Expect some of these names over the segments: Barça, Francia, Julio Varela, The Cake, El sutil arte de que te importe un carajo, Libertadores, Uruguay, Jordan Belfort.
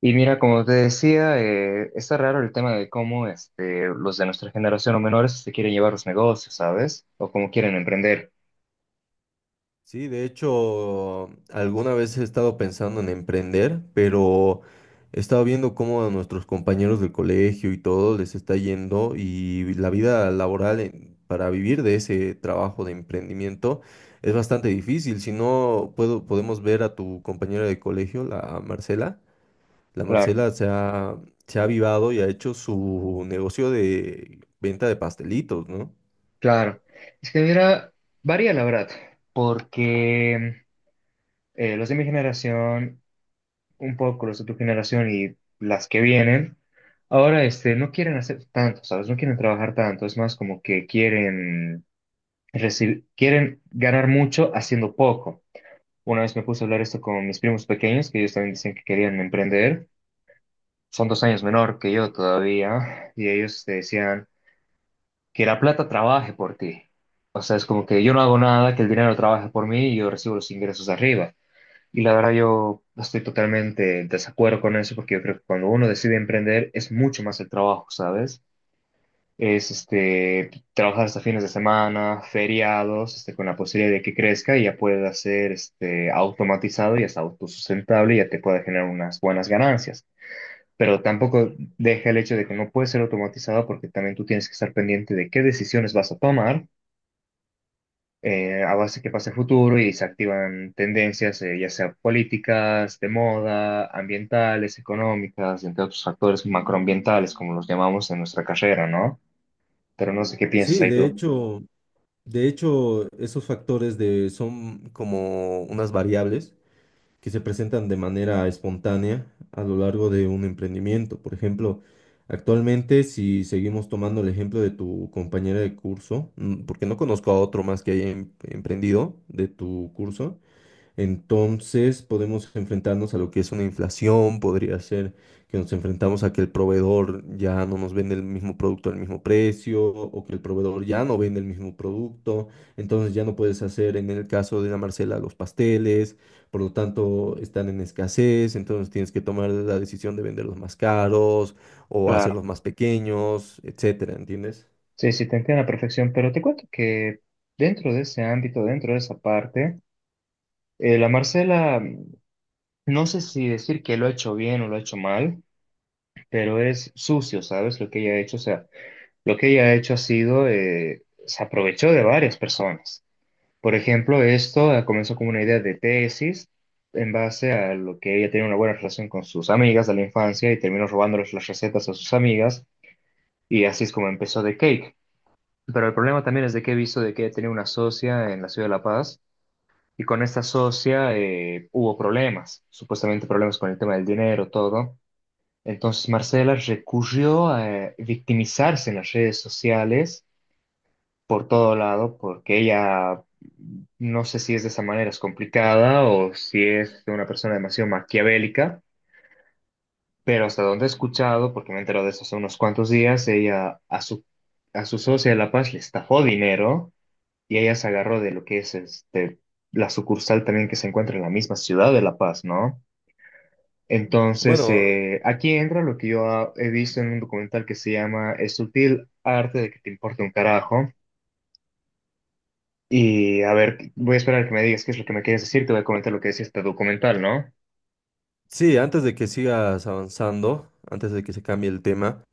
Y mira, como te decía, está raro el tema de cómo este, los de nuestra generación o menores se quieren llevar los negocios, ¿sabes? O cómo quieren emprender. Sí, de hecho, alguna vez he estado pensando en emprender, pero he estado viendo cómo a nuestros compañeros del colegio y todo les está yendo y la vida laboral para vivir de ese trabajo de emprendimiento es bastante difícil. Si no, podemos ver a tu compañera de colegio, la Marcela. La Claro, Marcela se ha, se ha avivado y ha hecho su negocio de venta de pastelitos, ¿no? claro. Es que mira, varía la verdad, porque los de mi generación, un poco los de tu generación y las que vienen, ahora este, no quieren hacer tanto, ¿sabes? No quieren trabajar tanto, es más como que quieren, quieren ganar mucho haciendo poco. Una vez me puse a hablar esto con mis primos pequeños, que ellos también dicen que querían emprender. Son dos años menor que yo todavía, y ellos te decían que la plata trabaje por ti. O sea, es como que yo no hago nada, que el dinero trabaje por mí y yo recibo los ingresos arriba. Y la verdad yo estoy totalmente en desacuerdo con eso, porque yo creo que cuando uno decide emprender es mucho más el trabajo, ¿sabes? Es este, trabajar hasta fines de semana, feriados, este, con la posibilidad de que crezca y ya pueda ser este, automatizado y hasta autosustentable y ya te pueda generar unas buenas ganancias. Pero tampoco deja el hecho de que no puede ser automatizado porque también tú tienes que estar pendiente de qué decisiones vas a tomar a base de qué pasa el futuro y se activan tendencias, ya sea políticas, de moda, ambientales, económicas, entre otros factores macroambientales, como los llamamos en nuestra carrera, ¿no? Pero no sé qué piensas Sí, ahí de tú. hecho. De hecho, esos factores de, son como unas variables que se presentan de manera espontánea a lo largo de un emprendimiento. Por ejemplo, actualmente, si seguimos tomando el ejemplo de tu compañera de curso, mm, porque no conozco a otro más que haya emprendido de tu curso, entonces podemos enfrentarnos a lo que es una inflación, podría ser que nos enfrentamos a que el proveedor ya no nos vende el mismo producto al mismo precio o que el proveedor ya no vende el mismo producto, entonces ya no puedes hacer en el caso de la Marcela los pasteles, por lo tanto están en escasez, entonces tienes que tomar la decisión de venderlos más caros o Claro. hacerlos más pequeños, etcétera, ¿entiendes? Sí, sí, te entiendo a la perfección, pero te cuento que dentro de ese ámbito, dentro de esa parte, la Marcela, mm, no sé si decir que lo ha hecho bien o lo ha hecho mal, pero es sucio, ¿sabes? Lo que ella ha hecho, o sea, lo que ella ha hecho ha sido, se aprovechó de varias personas. Por ejemplo, esto comenzó como una idea de tesis en base a lo que ella tenía una buena relación con sus amigas de la infancia y terminó robándoles las recetas a sus amigas y así es como empezó The Cake. Pero el problema también es de que he visto de que he tenido una socia en la ciudad de La Paz y con esta socia hubo problemas, supuestamente problemas con el tema del dinero, todo. Entonces Marcela recurrió a victimizarse en las redes sociales por todo lado porque ella, no sé si es de esa manera, es complicada o si es una persona demasiado maquiavélica, pero hasta donde he escuchado, porque me he enterado de eso hace unos cuantos días, ella a su socia de La Paz le estafó dinero y ella se agarró de lo que es este, la sucursal también que se encuentra en la misma ciudad de La Paz, ¿no? Entonces, Bueno, aquí entra lo que yo he visto en un documental que se llama El sutil arte de que te importe un carajo. Y a ver, voy a esperar que me digas qué es lo que me quieres decir, te voy a comentar lo que es este documental, ¿no? sí, antes de que sigas avanzando, antes de que se cambie el tema.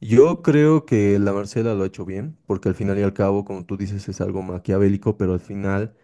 Yo creo que la Marcela lo ha hecho bien, porque al final y al cabo, como tú dices, es algo maquiavélico, pero al final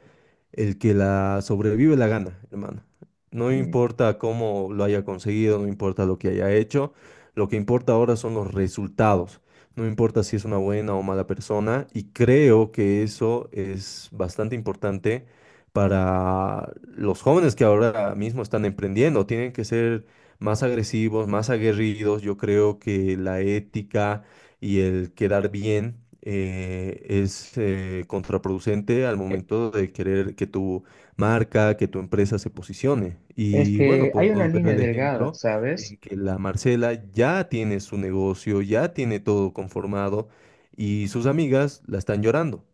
el que la sobrevive la gana, hermano. No Mm. importa cómo lo haya conseguido, no importa lo que haya hecho, lo que importa ahora son los resultados. No importa si es una buena o mala persona y creo que eso es bastante importante para los jóvenes que ahora mismo están emprendiendo. Tienen que ser más agresivos, más aguerridos. Yo creo que la ética y el quedar bien es contraproducente al Eh, momento de querer que tu marca, que tu empresa se posicione. Es Y bueno, que hay una podemos ver línea el delgada, ejemplo ¿sabes? en que la Marcela ya tiene su negocio, ya tiene todo conformado y sus amigas la están llorando.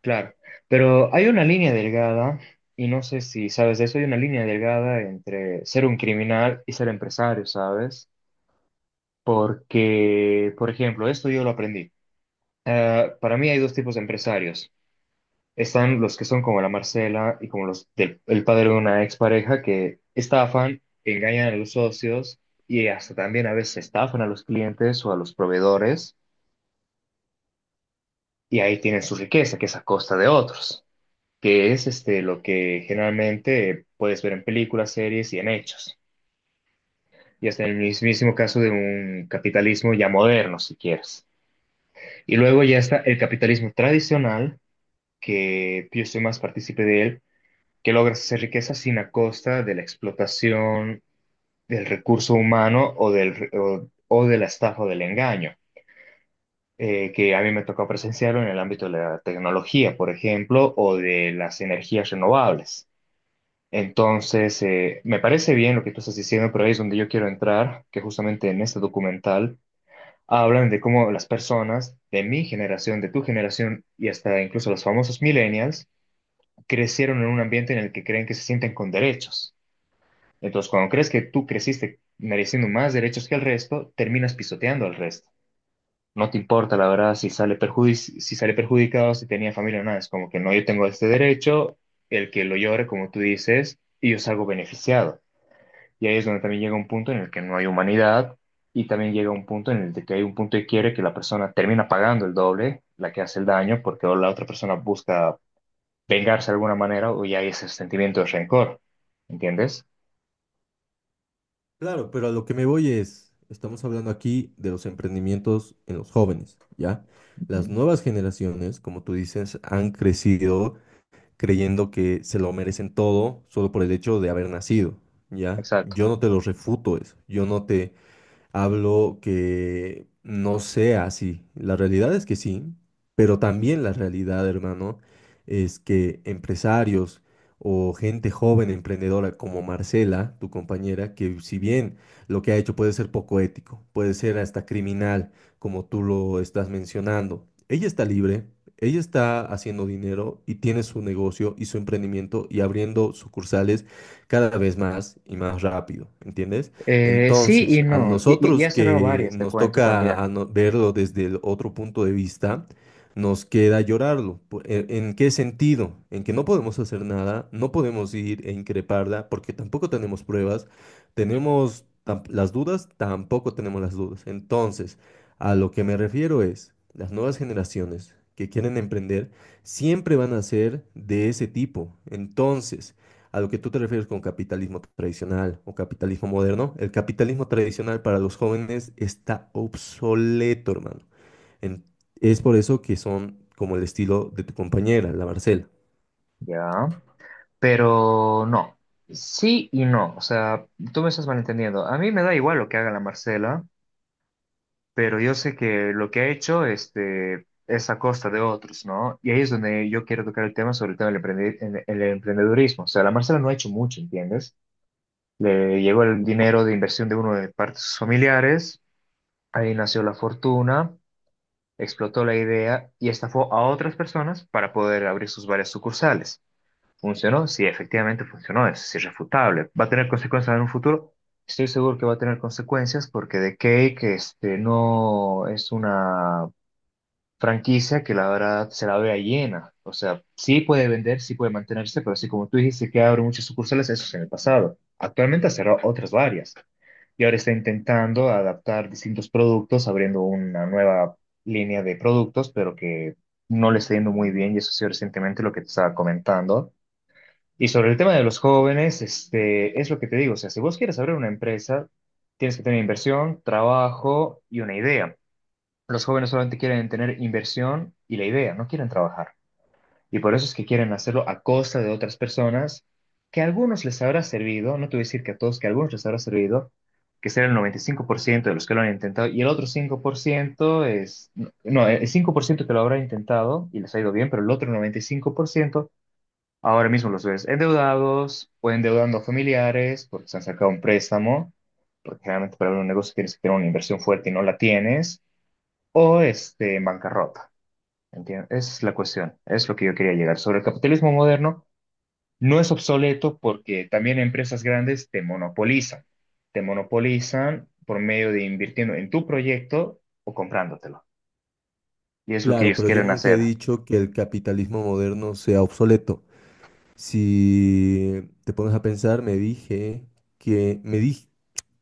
Claro, pero hay una línea delgada, y no sé si sabes de eso, hay una línea delgada entre ser un criminal y ser empresario, ¿sabes? Porque, por ejemplo, esto yo lo aprendí. Para mí hay dos tipos de empresarios. Están los que son como la Marcela y como los del el padre de una expareja que estafan, engañan a los socios y hasta también a veces estafan a los clientes o a los proveedores y ahí tienen su riqueza, que es a costa de otros, que es este, lo que generalmente puedes ver en películas, series y en hechos. Y hasta en el mismísimo caso de un capitalismo ya moderno, si quieres. Y luego ya está el capitalismo tradicional, que yo soy más partícipe de él, que logra hacer riqueza sin a costa de la explotación del recurso humano o, del, o de la estafa o del engaño, que a mí me tocó presenciarlo en el ámbito de la tecnología, por ejemplo, o de las energías renovables. Entonces, me parece bien lo que tú estás diciendo, pero ahí es donde yo quiero entrar, que justamente en este documental hablan de cómo las personas de mi generación, de tu generación y hasta incluso los famosos millennials crecieron en un ambiente en el que creen que se sienten con derechos. Entonces, cuando crees que tú creciste mereciendo más derechos que el resto, terminas pisoteando al resto. No te importa, la verdad, si si sale perjudicado, si tenía familia o nada. Es como que no, yo tengo este derecho, el que lo llore, como tú dices, y yo salgo beneficiado. Y ahí es donde también llega un punto en el que no hay humanidad y también llega un punto en el de que hay un punto de quiebre que la persona termina pagando el doble, la que hace el daño, porque o la otra persona busca vengarse de alguna manera o ya hay ese sentimiento de rencor. ¿Entiendes? Claro, pero a lo que me voy es, estamos hablando aquí de los emprendimientos en los jóvenes, ¿ya? Las Ujú. nuevas generaciones, como tú dices, han crecido creyendo que se lo merecen todo solo por el hecho de haber nacido, ¿ya? Exacto. Yo no te lo refuto eso, yo no te hablo que no sea así. La realidad es que sí, pero también la realidad, hermano, es que empresarios o gente joven emprendedora como Marcela, tu compañera, que si bien lo que ha hecho puede ser poco ético, puede ser hasta criminal, como tú lo estás mencionando, ella está libre. Ella está haciendo dinero y tiene su negocio y su emprendimiento y abriendo sucursales cada vez más y más rápido, ¿entiendes? Sí y Entonces, a no. Ya nosotros he cerrado que varias, te nos cuento toca también. a verlo desde el otro punto de vista, nos queda llorarlo. En qué sentido? En que no podemos hacer nada, no podemos ir e increparla porque tampoco tenemos pruebas, tenemos tam- las dudas, tampoco tenemos las dudas. Entonces, a lo que me refiero es, las nuevas generaciones que quieren emprender siempre van a ser de ese tipo. Entonces, a lo que tú te refieres con capitalismo tradicional o capitalismo moderno, el capitalismo tradicional para los jóvenes está obsoleto, hermano. En- es por eso que son como el estilo de tu compañera, la Marcela. Ya. Pero no. Sí y no. O sea, tú me estás malentendiendo. A mí me da igual lo que haga la Marcela. Pero yo sé que lo que ha hecho este, es a costa de otros, ¿no? Y ahí es donde yo quiero tocar el tema sobre el tema del el emprendedurismo. O sea, la Marcela no ha hecho mucho, ¿entiendes? Le llegó el dinero de inversión de uno de parte de sus familiares, ahí nació la fortuna, explotó la idea y estafó a otras personas para poder abrir sus varias sucursales. ¿Funcionó? Sí, efectivamente funcionó, es irrefutable. ¿Va a tener consecuencias en un futuro? Estoy seguro que va a tener consecuencias porque The Cake este, no es una franquicia que la verdad se la vea llena. O sea, sí puede vender, sí puede mantenerse, pero así como tú dijiste que abre muchas sucursales, eso es en el pasado. Actualmente ha cerrado otras varias y ahora está intentando adaptar distintos productos, abriendo una nueva línea de productos, pero que no le está yendo muy bien y eso ha sido recientemente lo que te estaba comentando. Y sobre el tema de los jóvenes, este, es lo que te digo, o sea, si vos quieres abrir una empresa, tienes que tener inversión, trabajo y una idea. Los jóvenes solamente quieren tener inversión y la idea, no quieren trabajar. Y por eso es que quieren hacerlo a costa de otras personas, que a algunos les habrá servido, no te voy a decir que a todos, que a algunos les habrá servido, que será el 95% de los que lo han intentado, y el otro 5% es, no, el 5% que lo habrá intentado y les ha ido bien, pero el otro 95% ahora mismo los ves endeudados o endeudando a familiares porque se han sacado un préstamo, porque generalmente para abrir un negocio tienes que tener una inversión fuerte y no la tienes o este, en bancarrota. ¿Entiendes? Es la cuestión, es lo que yo quería llegar. Sobre el capitalismo moderno, no es obsoleto porque también empresas grandes te monopolizan. Te monopolizan por medio de invirtiendo en tu proyecto o comprándotelo. Y es lo que Claro, ellos pero yo quieren nunca he hacer. dicho que el capitalismo moderno sea obsoleto. Si te pones a pensar, me dije que me di-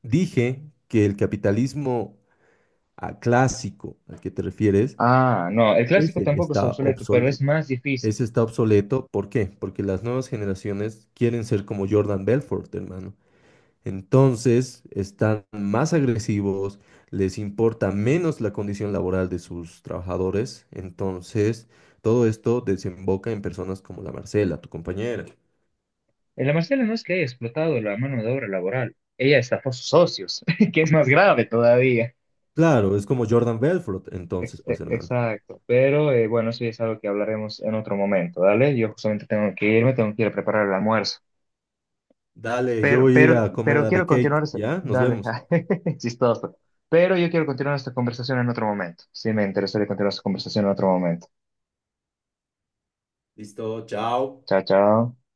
dije que el capitalismo clásico al que te refieres, Ah, no, el clásico ese tampoco es está obsoleto, pero es obsoleto. más difícil. Ese está obsoleto, ¿por qué? Porque las nuevas generaciones quieren ser como Jordan Belfort, hermano. Entonces están más agresivos, les importa menos la condición laboral de sus trabajadores. Entonces todo esto desemboca en personas como la Marcela, tu compañera. El Marcela no es que haya explotado la mano de obra laboral, ella estafó a sus socios, que es más grave todavía. Claro, es como Jordan Belfort, entonces, pues, hermano. Exacto, pero bueno, eso ya es algo que hablaremos en otro momento, ¿dale? Yo justamente tengo que irme, tengo que ir a preparar el almuerzo. Dale, yo Pero, voy a ir pero, a comer pero a The quiero continuar, Cake, ¿ya? Nos dale, vemos. chistoso. Pero yo quiero continuar esta conversación en otro momento. Sí, me interesaría continuar esta conversación en otro momento. Listo, chao. Chao, chao.